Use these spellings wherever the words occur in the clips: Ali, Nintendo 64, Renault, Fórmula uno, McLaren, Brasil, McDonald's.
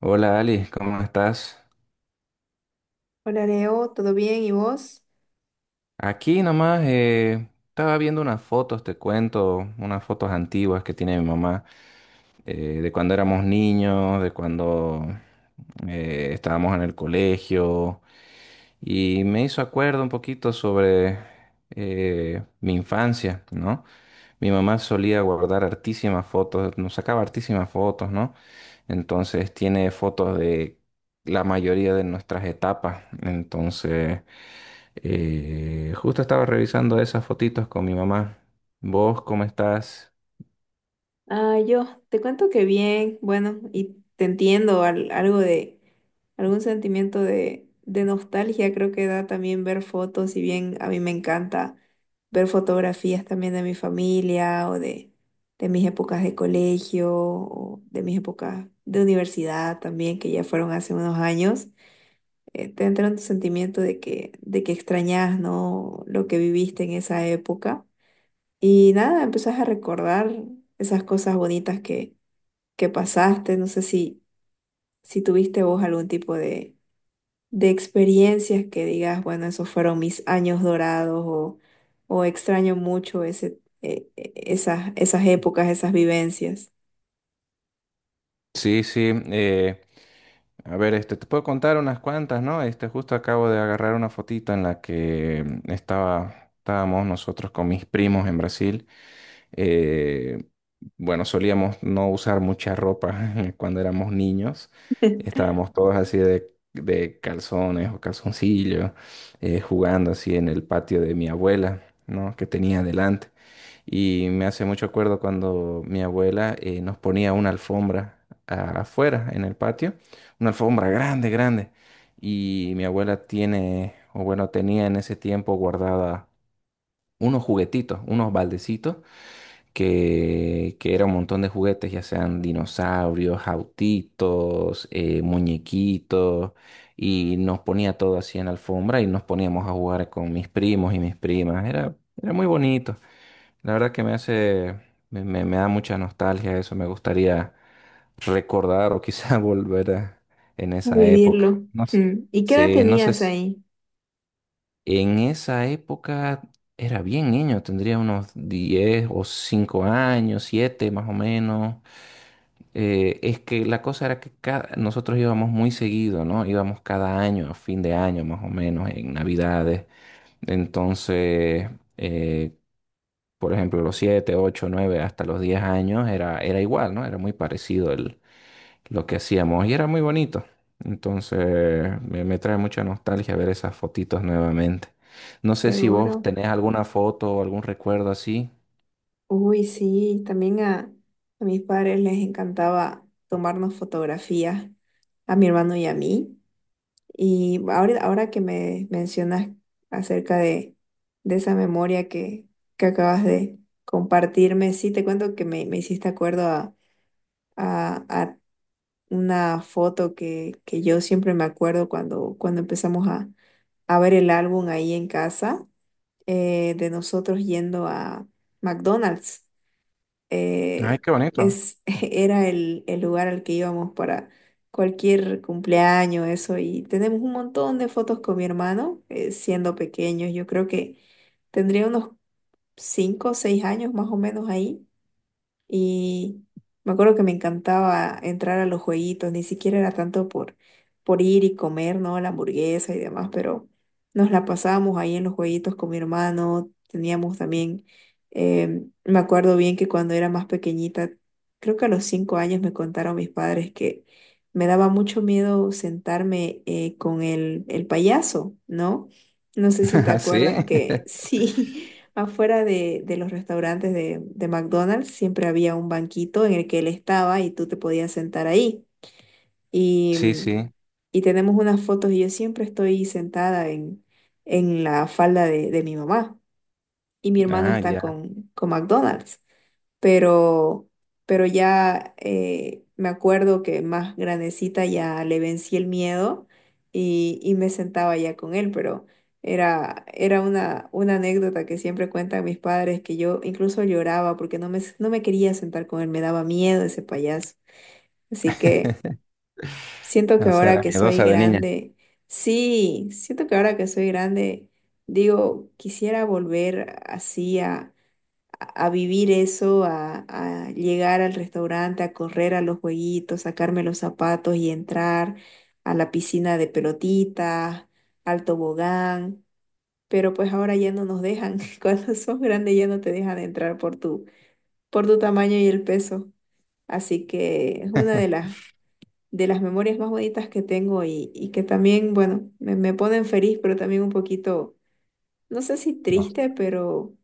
Hola Ali, ¿cómo estás? Hola Leo, ¿todo bien? ¿Y vos? Aquí nomás estaba viendo unas fotos, te cuento, unas fotos antiguas que tiene mi mamá de cuando éramos niños, de cuando estábamos en el colegio y me hizo acuerdo un poquito sobre mi infancia, ¿no? Mi mamá solía guardar hartísimas fotos, nos sacaba hartísimas fotos, ¿no? Entonces tiene fotos de la mayoría de nuestras etapas, entonces... justo estaba revisando esas fotitos con mi mamá. ¿Vos cómo estás? Ah, yo te cuento que bien, bueno, y te entiendo algo de algún sentimiento de nostalgia, creo que da también ver fotos, y bien a mí me encanta ver fotografías también de mi familia de mis épocas de colegio o de mis épocas de universidad también, que ya fueron hace unos años, te entra un sentimiento de que extrañas, ¿no? Lo que viviste en esa época. Y nada, empezás a recordar esas cosas bonitas que pasaste. No sé si, si tuviste vos algún tipo de experiencias que digas, bueno, esos fueron mis años dorados o extraño mucho esas épocas, esas vivencias. Sí, sí. A ver, este, te puedo contar unas cuantas, ¿no? Este, justo acabo de agarrar una fotito en la que estábamos nosotros con mis primos en Brasil. Eh, bueno, solíamos no usar mucha ropa cuando éramos niños. Estábamos todos así de calzones o calzoncillos, jugando así en el patio de mi abuela, ¿no? Que tenía adelante. Y me hace mucho acuerdo cuando mi abuela nos ponía una alfombra afuera, en el patio, una alfombra grande, grande. Y mi abuela tiene, o bueno, tenía en ese tiempo guardada unos juguetitos, unos baldecitos, que era un montón de juguetes, ya sean dinosaurios, autitos, muñequitos, y nos ponía todo así en la alfombra y nos poníamos a jugar con mis primos y mis primas. Era, era muy bonito. La verdad que me da mucha nostalgia eso, me gustaría recordar o quizá volver en esa época. Vivirlo. No sé. Mm. ¿Y qué edad Sí, no sé, tenías ahí? en esa época era bien niño, tendría unos 10 o 5 años, 7 más o menos. Es que la cosa era que nosotros íbamos muy seguido, ¿no? Íbamos cada año, a fin de año más o menos, en Navidades. Entonces... eh, por ejemplo, los 7, 8, 9, hasta los 10 años era, era igual, ¿no? Era muy parecido el, lo que hacíamos y era muy bonito. Entonces, me trae mucha nostalgia ver esas fotitos nuevamente. No sé si vos Seguro. tenés alguna foto o algún recuerdo así. Uy, sí, a mis padres les encantaba tomarnos fotografías, a mi hermano y a mí. Y ahora que me mencionas acerca de esa memoria que acabas de compartirme, sí, te cuento que me hiciste acuerdo a una foto que yo siempre me acuerdo cuando empezamos a ver el álbum ahí en casa, de nosotros yendo a McDonald's. Ay, eh, qué bonito. Era el lugar al que íbamos para cualquier cumpleaños, eso, y tenemos un montón de fotos con mi hermano, siendo pequeños, yo creo que tendría unos 5 o 6 años más o menos ahí, y me acuerdo que me encantaba entrar a los jueguitos, ni siquiera era tanto por ir y comer, ¿no? La hamburguesa y demás, pero nos la pasábamos ahí en los jueguitos con mi hermano, teníamos también, me acuerdo bien que cuando era más pequeñita, creo que a los 5 años me contaron mis padres que me daba mucho miedo sentarme con el payaso, ¿no? No sé si te ¿Así? ¿Sí? acuerdas que sí. Afuera de los restaurantes de McDonald's siempre había un banquito en el que él estaba y tú te podías sentar ahí. Y, Sí, mm, sí. y tenemos unas fotos y yo siempre estoy sentada en la falda de mi mamá y mi hermano Ah, está ya. Con McDonald's, pero, pero ya me acuerdo que más grandecita ya le vencí el miedo y me sentaba ya con él, pero era una anécdota que siempre cuentan mis padres que yo incluso lloraba porque no me quería sentar con él, me daba miedo ese payaso. Así que siento que O sea, ahora era que soy miedosa de niña. grande, sí, siento que ahora que soy grande, digo, quisiera volver así a vivir eso, a llegar al restaurante, a correr a los jueguitos, sacarme los zapatos y entrar a la piscina de pelotitas, al tobogán, pero pues ahora ya no nos dejan, cuando sos grande ya no te dejan entrar por por tu tamaño y el peso, así que es una de de las memorias más bonitas que tengo y que también, bueno, me ponen feliz, pero también un poquito, no sé si No- triste, pero...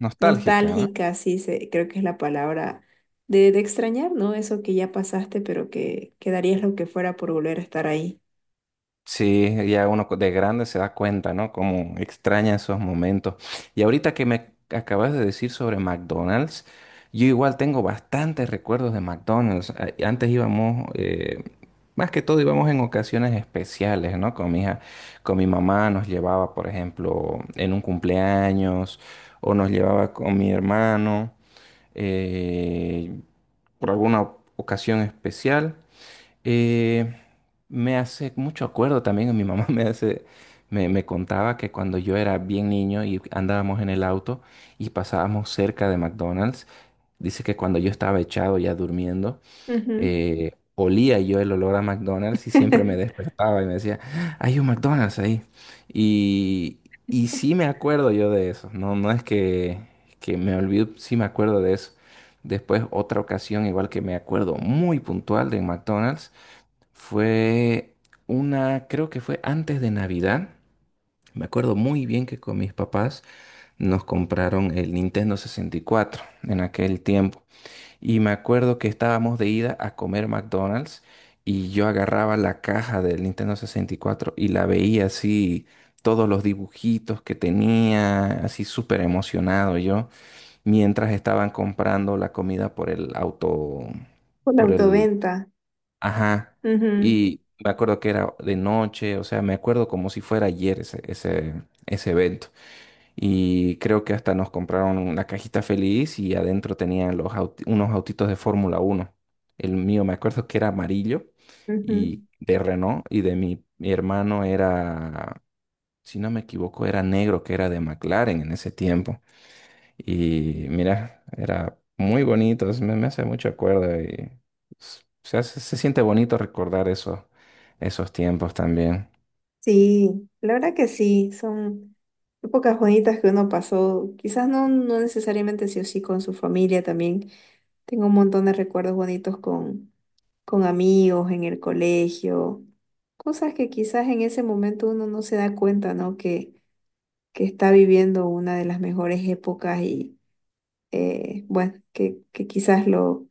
nostálgica, ¿no? Nostálgica, sí, se, creo que es la palabra de extrañar, ¿no? Eso que ya pasaste, pero que darías lo que fuera por volver a estar ahí. Sí, ya uno de grande se da cuenta, ¿no? Como extraña esos momentos. Y ahorita que me acabas de decir sobre McDonald's, yo igual tengo bastantes recuerdos de McDonald's. Antes íbamos, más que todo íbamos en ocasiones especiales, ¿no? Con mi mamá nos llevaba, por ejemplo, en un cumpleaños o nos llevaba con mi hermano eh, por alguna ocasión especial. Eh, me hace mucho acuerdo también, mi mamá me contaba que cuando yo era bien niño y andábamos en el auto y pasábamos cerca de McDonald's, dice que cuando yo estaba echado ya durmiendo, Ujú. Olía yo el olor a McDonald's y siempre me despertaba y me decía, "Ah, hay un McDonald's ahí." Y, y sí me acuerdo yo de eso, no, no es que, me olvido, sí me acuerdo de eso. Después otra ocasión, igual que me acuerdo muy puntual de McDonald's, fue creo que fue antes de Navidad. Me acuerdo muy bien que con mis papás nos compraron el Nintendo 64 en aquel tiempo. Y me acuerdo que estábamos de ida a comer McDonald's y yo agarraba la caja del Nintendo 64 y cuatro y la veía así, todos los dibujitos que tenía, así súper emocionado yo, mientras estaban comprando la comida por el auto, Por la por el. autoventa. Ajá. Ujú, Y me acuerdo que era de noche, o sea, me acuerdo como si fuera ayer ese evento. Y creo que hasta nos compraron una cajita feliz y adentro tenían los unos autitos de Fórmula 1. El mío me acuerdo que era amarillo ujú. y de Renault y de mi, mi hermano era, si no me equivoco, era negro, que era de McLaren en ese tiempo. Y mira, era muy bonito, me hace mucho acuerdo y se siente bonito recordar eso, esos tiempos también. Sí, la verdad que sí, son épocas bonitas que uno pasó, quizás no necesariamente sí o sí con su familia también. Tengo un montón de recuerdos bonitos con amigos en el colegio, cosas que quizás en ese momento uno no se da cuenta, ¿no? Que está viviendo una de las mejores épocas y bueno, que quizás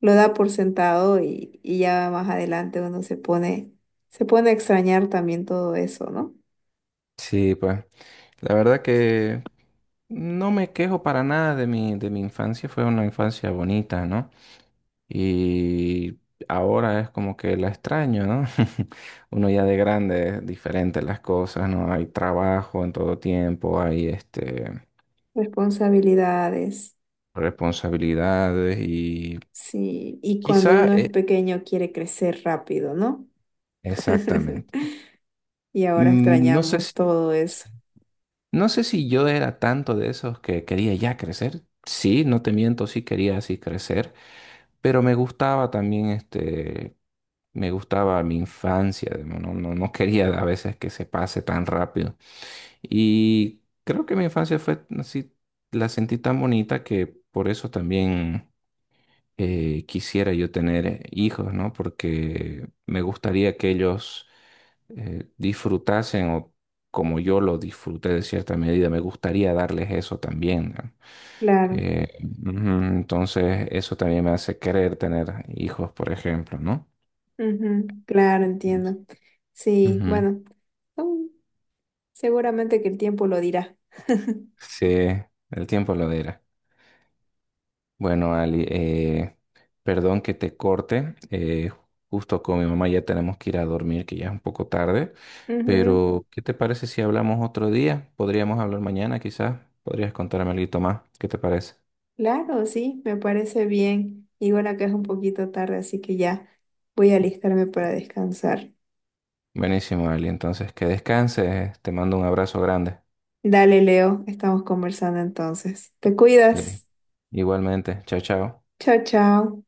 lo da por sentado y ya más adelante se pone a extrañar también todo eso, ¿no? Sí, pues la verdad que no me quejo para nada de mi, de mi infancia, fue una infancia bonita, ¿no? Y ahora es como que la extraño, ¿no? Uno ya de grande es diferente las cosas, ¿no? Hay trabajo en todo tiempo, hay este, Responsabilidades, responsabilidades y... sí, y cuando Quizá uno es pequeño quiere crecer rápido, ¿no? exactamente. Y ahora Mm, No sé extrañamos si, todo eso. no sé si yo era tanto de esos que quería ya crecer. Sí, no te miento, sí quería así crecer, pero me gustaba también este, me gustaba mi infancia, digamos, no quería a veces que se pase tan rápido. Y creo que mi infancia fue así, la sentí tan bonita que por eso también. Quisiera yo tener hijos, ¿no? Porque me gustaría que ellos disfrutasen o como yo lo disfruté de cierta medida, me gustaría darles eso también, ¿no? Claro, Eh, ujú, entonces, eso también me hace querer tener hijos, por ejemplo, ¿no? ujú, claro, entiendo. Sí, Ujú. bueno, mm, seguramente que el tiempo lo dirá. Sí, el tiempo lo dirá. Bueno, Ali, perdón que te corte. Justo con mi mamá ya tenemos que ir a dormir, que ya es un poco tarde. Ujú. Pero, ¿qué te parece si hablamos otro día? Podríamos hablar mañana, quizás. Podrías contarme algo más. ¿Qué te parece? Claro, sí, me parece bien. Y bueno, que es un poquito tarde, así que ya voy a alistarme para descansar. Buenísimo, Ali. Entonces, que descanses. Te mando un abrazo grande. Dale, Leo, estamos conversando entonces. Te Li- cuidas. Igualmente. Chao, chao. Chao, chao.